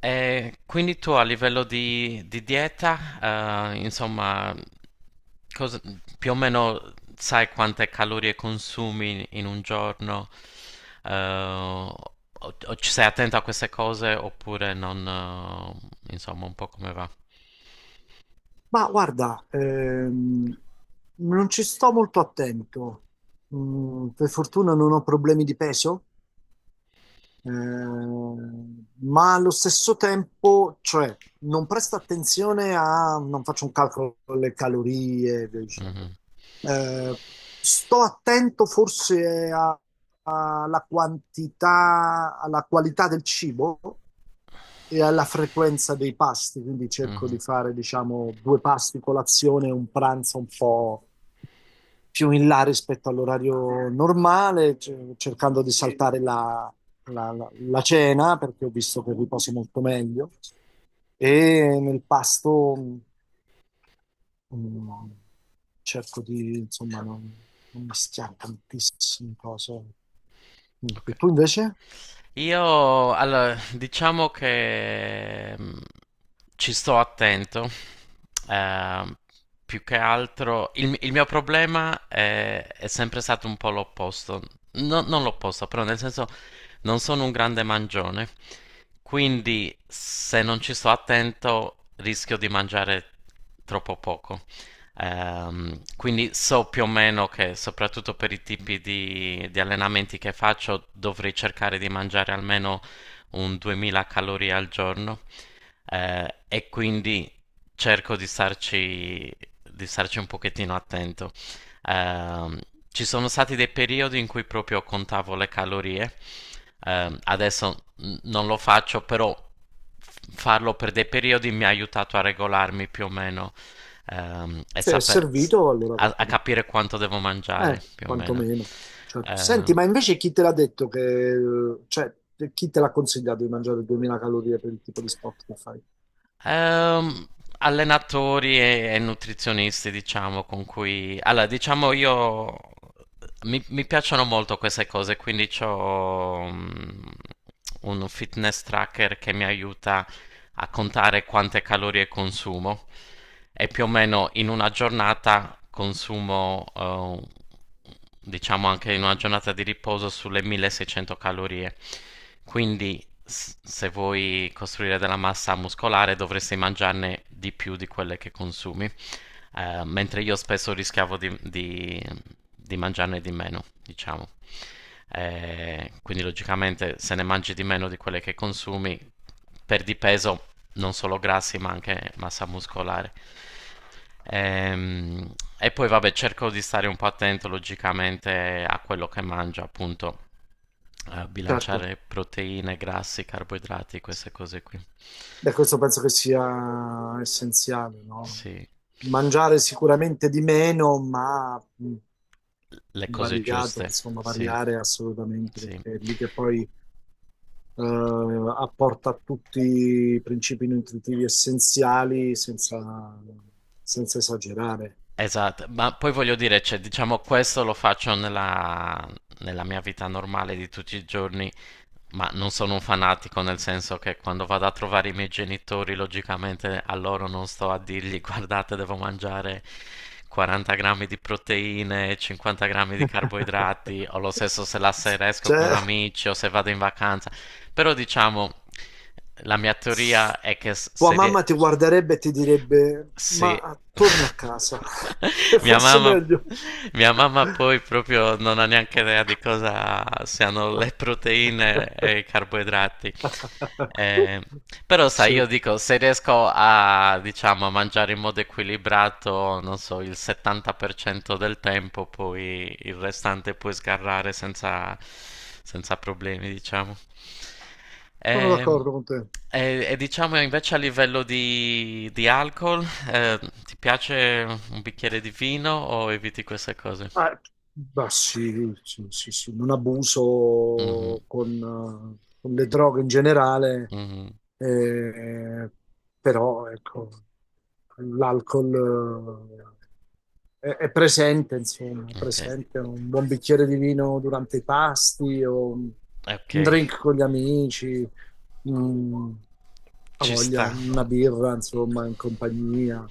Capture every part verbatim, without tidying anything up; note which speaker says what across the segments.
Speaker 1: E quindi tu a livello di, di dieta, eh, insomma, cosa- più o meno sai quante calorie consumi in un giorno? Eh, o, o ci sei attento a queste cose oppure non, eh, insomma, un po' come va?
Speaker 2: Ma guarda, ehm, non ci sto molto attento. Mm, per fortuna non ho problemi di peso, ehm, ma allo stesso tempo, cioè, non presto attenzione a, non faccio un calcolo delle calorie, e via dicendo.
Speaker 1: Mhm,
Speaker 2: Eh, Sto attento forse a- alla quantità, alla qualità del cibo, e alla frequenza dei pasti, quindi cerco
Speaker 1: mhm,
Speaker 2: di fare, diciamo, due pasti colazione e un pranzo un po' più in là rispetto all'orario normale, ce- cercando di saltare la, la- la- la cena perché ho visto che riposo molto meglio e nel pasto mm, cerco di, insomma, non, non mischiare tantissime cose. Mm.
Speaker 1: ok.
Speaker 2: E tu invece?
Speaker 1: Io, allora, diciamo che mm, ci sto attento. Ehm, Più che altro il, il mio problema è, è sempre stato un po' l'opposto. No- non l'opposto, però nel senso non sono un grande mangione, quindi se non ci sto attento rischio di mangiare troppo poco. Ehm, quindi so più o meno che soprattutto per i tipi di, di allenamenti che faccio dovrei cercare di mangiare almeno un duemila calorie al giorno. Eh, e quindi cerco di starci, di starci un pochettino attento. Ehm, Ci sono stati dei periodi in cui proprio contavo le calorie. Ehm, adesso mm, non lo faccio, però f- farlo per dei periodi mi ha aiutato a regolarmi più o meno, ehm, e
Speaker 2: Se è
Speaker 1: sape- s-
Speaker 2: servito, allora
Speaker 1: a,
Speaker 2: perché
Speaker 1: a
Speaker 2: no?
Speaker 1: capire quanto devo mangiare
Speaker 2: Eh,
Speaker 1: più o meno.
Speaker 2: quantomeno. Certo.
Speaker 1: Ehm,
Speaker 2: Senti, ma invece chi te l'ha detto che, eh, cioè, te- chi te l'ha consigliato di mangiare duemila calorie per il tipo di sport che fai?
Speaker 1: Ehm, Allenatori e, e nutrizionisti, diciamo, con cui... Allora, diciamo io... Mi, mi piacciono molto queste cose, quindi ho un fitness tracker che mi aiuta a contare quante calorie consumo e più o meno in una giornata consumo eh, diciamo anche in una giornata di riposo sulle milleseicento calorie. Quindi s- se vuoi costruire della massa muscolare dovresti mangiarne di più di quelle che consumi. Eh, mentre io spesso rischiavo di, di- di mangiarne di meno, diciamo. Eh, quindi logicamente se ne mangi di meno di quelle che consumi, perdi peso non solo grassi ma anche massa muscolare. Ehm, e poi vabbè, cerco di stare un po' attento logicamente a quello che mangio, appunto, a
Speaker 2: Certo,
Speaker 1: bilanciare proteine, grassi, carboidrati, queste cose qui.
Speaker 2: beh, questo penso che sia essenziale, no?
Speaker 1: Sì,
Speaker 2: Mangiare sicuramente di meno, ma mh,
Speaker 1: le cose
Speaker 2: variato,
Speaker 1: giuste,
Speaker 2: insomma,
Speaker 1: sì,
Speaker 2: variare assolutamente,
Speaker 1: sì.
Speaker 2: perché è lì che poi eh, apporta tutti i principi nutritivi essenziali senza, senza esagerare.
Speaker 1: Esatto, ma poi voglio dire, cioè, diciamo, questo lo faccio nella, nella mia vita normale di tutti i giorni, ma non sono un fanatico, nel senso che quando vado a trovare i miei genitori, logicamente a loro non sto a dirgli, guardate, devo mangiare quaranta grammi di proteine, cinquanta grammi di carboidrati, o lo stesso se la sera esco con
Speaker 2: Cioè,
Speaker 1: amici o se vado in vacanza. Però diciamo, la mia teoria è che s-
Speaker 2: tua
Speaker 1: se... rie-
Speaker 2: mamma ti guarderebbe e ti direbbe:
Speaker 1: sì.
Speaker 2: Ma torna a casa, è
Speaker 1: Mia
Speaker 2: forse
Speaker 1: mamma
Speaker 2: meglio.
Speaker 1: mia mamma poi proprio non ha neanche idea di cosa siano le proteine e i carboidrati. Eh, però sai,
Speaker 2: Sì,
Speaker 1: io dico, se riesco a, diciamo, a mangiare in modo equilibrato, non so, il settanta per cento del tempo, poi il restante puoi sgarrare senza, senza problemi, diciamo.
Speaker 2: sono
Speaker 1: E,
Speaker 2: d'accordo con te.
Speaker 1: e- e diciamo invece a livello di, di alcol, eh, ti piace un bicchiere di vino o eviti queste cose?
Speaker 2: Ah, bah, sì, sì, sì, sì, un
Speaker 1: Mhm,
Speaker 2: abuso con, eh, con le droghe in generale,
Speaker 1: mhm,
Speaker 2: eh, però ecco, l'alcol eh, è, è presente, insomma, è
Speaker 1: ok,
Speaker 2: presente un buon bicchiere di vino durante i pasti o un
Speaker 1: ok,
Speaker 2: drink con gli amici. Mm, ha
Speaker 1: ci
Speaker 2: voglia,
Speaker 1: sta,
Speaker 2: una birra, insomma, in compagnia,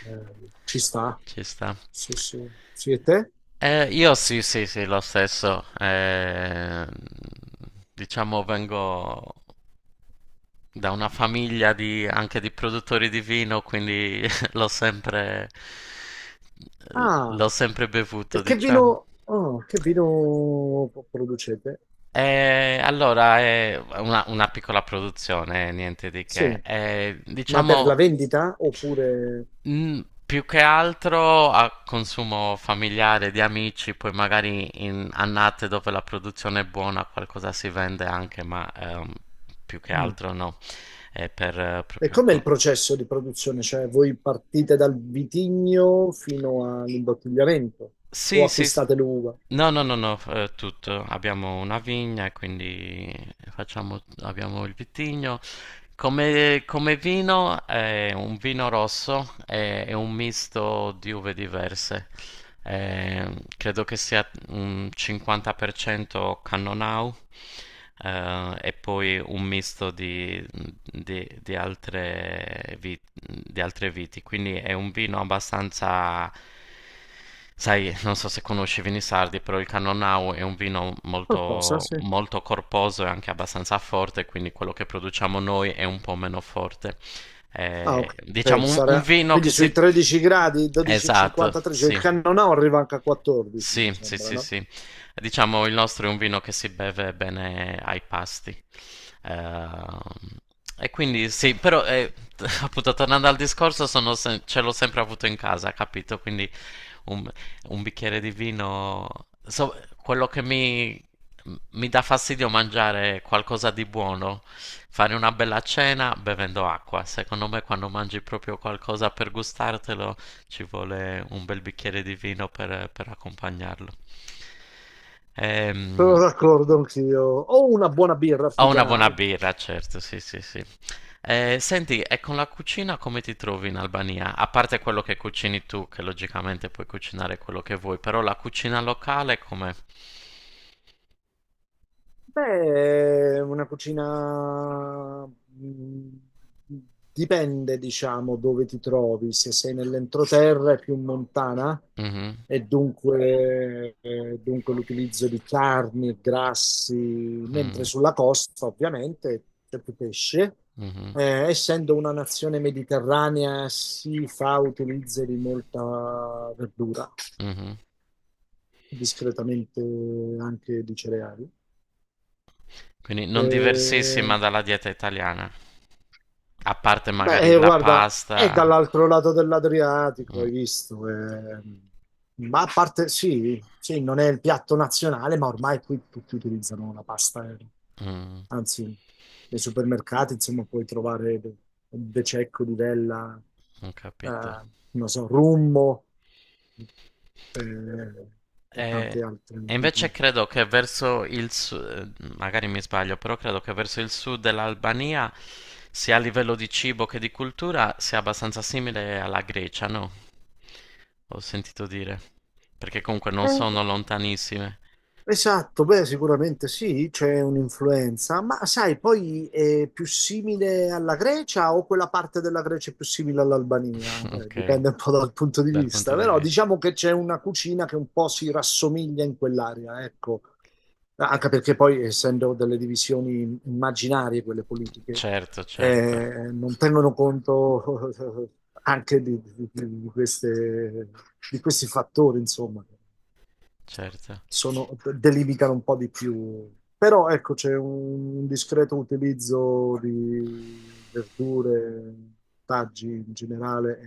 Speaker 2: eh, ci sta.
Speaker 1: ci sta.
Speaker 2: Sì, sì. Sì, e te?
Speaker 1: Eh, io sì, sì, sì, lo stesso. Eh, diciamo vengo da una famiglia di, anche di produttori di vino, quindi l'ho sempre,
Speaker 2: Ah,
Speaker 1: l'ho sempre bevuto,
Speaker 2: e che
Speaker 1: diciamo.
Speaker 2: vino, oh, che vino producete?
Speaker 1: Eh, allora, è una, una piccola produzione, eh, niente di che.
Speaker 2: Sì,
Speaker 1: Eh,
Speaker 2: ma per la
Speaker 1: diciamo,
Speaker 2: vendita oppure...
Speaker 1: mm, più che altro a consumo familiare di amici, poi magari in annate dove la produzione è buona qualcosa si vende anche, ma ehm, più che
Speaker 2: Mm.
Speaker 1: altro no, è per eh,
Speaker 2: E
Speaker 1: proprio...
Speaker 2: com'è
Speaker 1: co-
Speaker 2: il processo di produzione? Cioè, voi partite dal vitigno fino all'imbottigliamento o
Speaker 1: Sì, sì, s-
Speaker 2: acquistate l'uva?
Speaker 1: no, no, no, no, eh, tutto. Abbiamo una vigna, e quindi facciamo, abbiamo il vitigno. Come, come vino è un vino rosso, è, è un misto di uve diverse. Eh, credo che sia un cinquanta per cento Cannonau, eh, e poi un misto di, di- di altre vi- di altre viti, quindi è un vino abbastanza... Sai, non so se conosci i vini sardi, però il Cannonau è un vino
Speaker 2: Qualcosa,
Speaker 1: molto,
Speaker 2: sì.
Speaker 1: molto corposo e anche abbastanza forte, quindi quello che produciamo noi è un po' meno forte.
Speaker 2: Ah, ok,
Speaker 1: Eh, diciamo un, un
Speaker 2: sarà...
Speaker 1: vino che
Speaker 2: Quindi
Speaker 1: si...
Speaker 2: sui tredici gradi,
Speaker 1: Esatto,
Speaker 2: dodici e cinquantatré, cioè
Speaker 1: sì,
Speaker 2: il cannonau arriva anche a quattordici, mi
Speaker 1: sì, sì,
Speaker 2: sembra,
Speaker 1: sì,
Speaker 2: no?
Speaker 1: sì. Diciamo il nostro è un vino che si beve bene ai pasti. Ehm, e quindi sì, però eh, appunto tornando al discorso, sono se- ce l'ho sempre avuto in casa, capito? Quindi un, un bicchiere di vino. So- quello che mi, mi dà fastidio è mangiare qualcosa di buono, fare una bella cena bevendo acqua. Secondo me, quando mangi proprio qualcosa per gustartelo, ci vuole un bel bicchiere di vino per, per accompagnarlo.
Speaker 2: Sono
Speaker 1: Ehm,
Speaker 2: d'accordo anch'io. O una buona birra
Speaker 1: Ho una buona
Speaker 2: artigianale.
Speaker 1: birra, certo, sì, sì, sì. Eh, senti, e con la cucina come ti trovi in Albania? A parte quello che cucini tu, che logicamente puoi cucinare quello che vuoi, però la cucina locale come?
Speaker 2: Beh, una cucina mh, dipende, diciamo, dove ti trovi. Se sei nell'entroterra è più montana
Speaker 1: Mhm,
Speaker 2: e dunque, eh, dunque l'utilizzo di carni e grassi, mentre
Speaker 1: mm,
Speaker 2: sulla costa ovviamente c'è più pesce.
Speaker 1: mhm,
Speaker 2: Eh, essendo una nazione mediterranea si fa utilizzo di molta verdura,
Speaker 1: mhm.
Speaker 2: discretamente anche di cereali.
Speaker 1: Quindi non
Speaker 2: Eh,
Speaker 1: diversissima dalla dieta italiana, a parte
Speaker 2: Beh,
Speaker 1: magari
Speaker 2: eh,
Speaker 1: la
Speaker 2: guarda, è
Speaker 1: pasta.
Speaker 2: dall'altro lato dell'Adriatico,
Speaker 1: Mm,
Speaker 2: hai visto, eh. Ma a parte, sì, sì, non è il piatto nazionale, ma ormai qui tutti utilizzano la pasta, eh.
Speaker 1: mm,
Speaker 2: Anzi, nei supermercati, insomma, puoi trovare de- bececco, livella,
Speaker 1: ho capito.
Speaker 2: eh, non so, rummo eh, e
Speaker 1: E,
Speaker 2: tanti
Speaker 1: e
Speaker 2: altri
Speaker 1: invece
Speaker 2: tipi.
Speaker 1: credo che verso il sud, magari mi sbaglio, però credo che verso il sud dell'Albania, sia a livello di cibo che di cultura, sia abbastanza simile alla Grecia, no? Ho sentito dire. Perché comunque non
Speaker 2: Eh,
Speaker 1: sono lontanissime.
Speaker 2: Esatto, beh, sicuramente sì, c'è un'influenza, ma sai, poi è più simile alla Grecia o quella parte della Grecia è più simile all'Albania? Eh,
Speaker 1: Ok,
Speaker 2: dipende un po' dal punto di
Speaker 1: dal punto
Speaker 2: vista,
Speaker 1: di
Speaker 2: però
Speaker 1: vista.
Speaker 2: diciamo che c'è una cucina che un po' si rassomiglia in quell'area, ecco, anche perché poi essendo delle divisioni immaginarie quelle politiche,
Speaker 1: Certo, certo,
Speaker 2: eh, non tengono conto anche di, di- di- di queste- di questi fattori, insomma
Speaker 1: certo.
Speaker 2: sono- delimitano un po' di più. Però ecco, c'è un discreto utilizzo di verdure, taggi in generale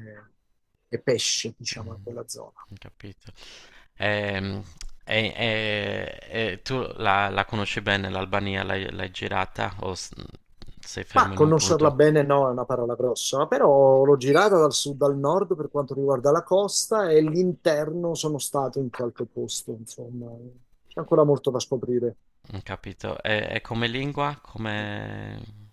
Speaker 2: e, e pesce, diciamo, in
Speaker 1: Mm,
Speaker 2: quella zona.
Speaker 1: ho capito. Ehm, E, e- e tu la, la conosci bene l'Albania? L'hai l'hai girata o s- sei fermo
Speaker 2: Ma
Speaker 1: in un
Speaker 2: conoscerla
Speaker 1: punto?
Speaker 2: bene no, è una parola grossa, però l'ho girata dal sud al nord per quanto riguarda la costa e l'interno sono stato in qualche posto, insomma, c'è ancora molto da scoprire.
Speaker 1: Ho capito. E, e come lingua? Come...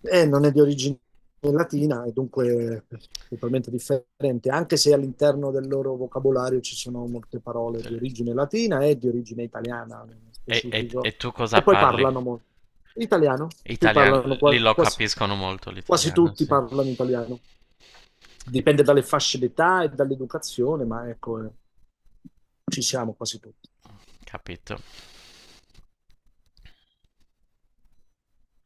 Speaker 2: Eh, non è di origine latina e dunque totalmente differente, anche se all'interno del loro vocabolario ci sono molte parole di origine latina e di origine italiana nello
Speaker 1: E, e- e
Speaker 2: specifico.
Speaker 1: tu cosa
Speaker 2: E poi
Speaker 1: parli?
Speaker 2: parlano molto italiano, qui
Speaker 1: Italiano?
Speaker 2: parlano
Speaker 1: Lì
Speaker 2: qua-
Speaker 1: lo
Speaker 2: quasi,
Speaker 1: capiscono molto
Speaker 2: quasi
Speaker 1: l'italiano,
Speaker 2: tutti
Speaker 1: sì.
Speaker 2: parlano italiano. Dipende dalle fasce d'età e dall'educazione, ma ecco, eh, ci siamo quasi tutti.
Speaker 1: Capito.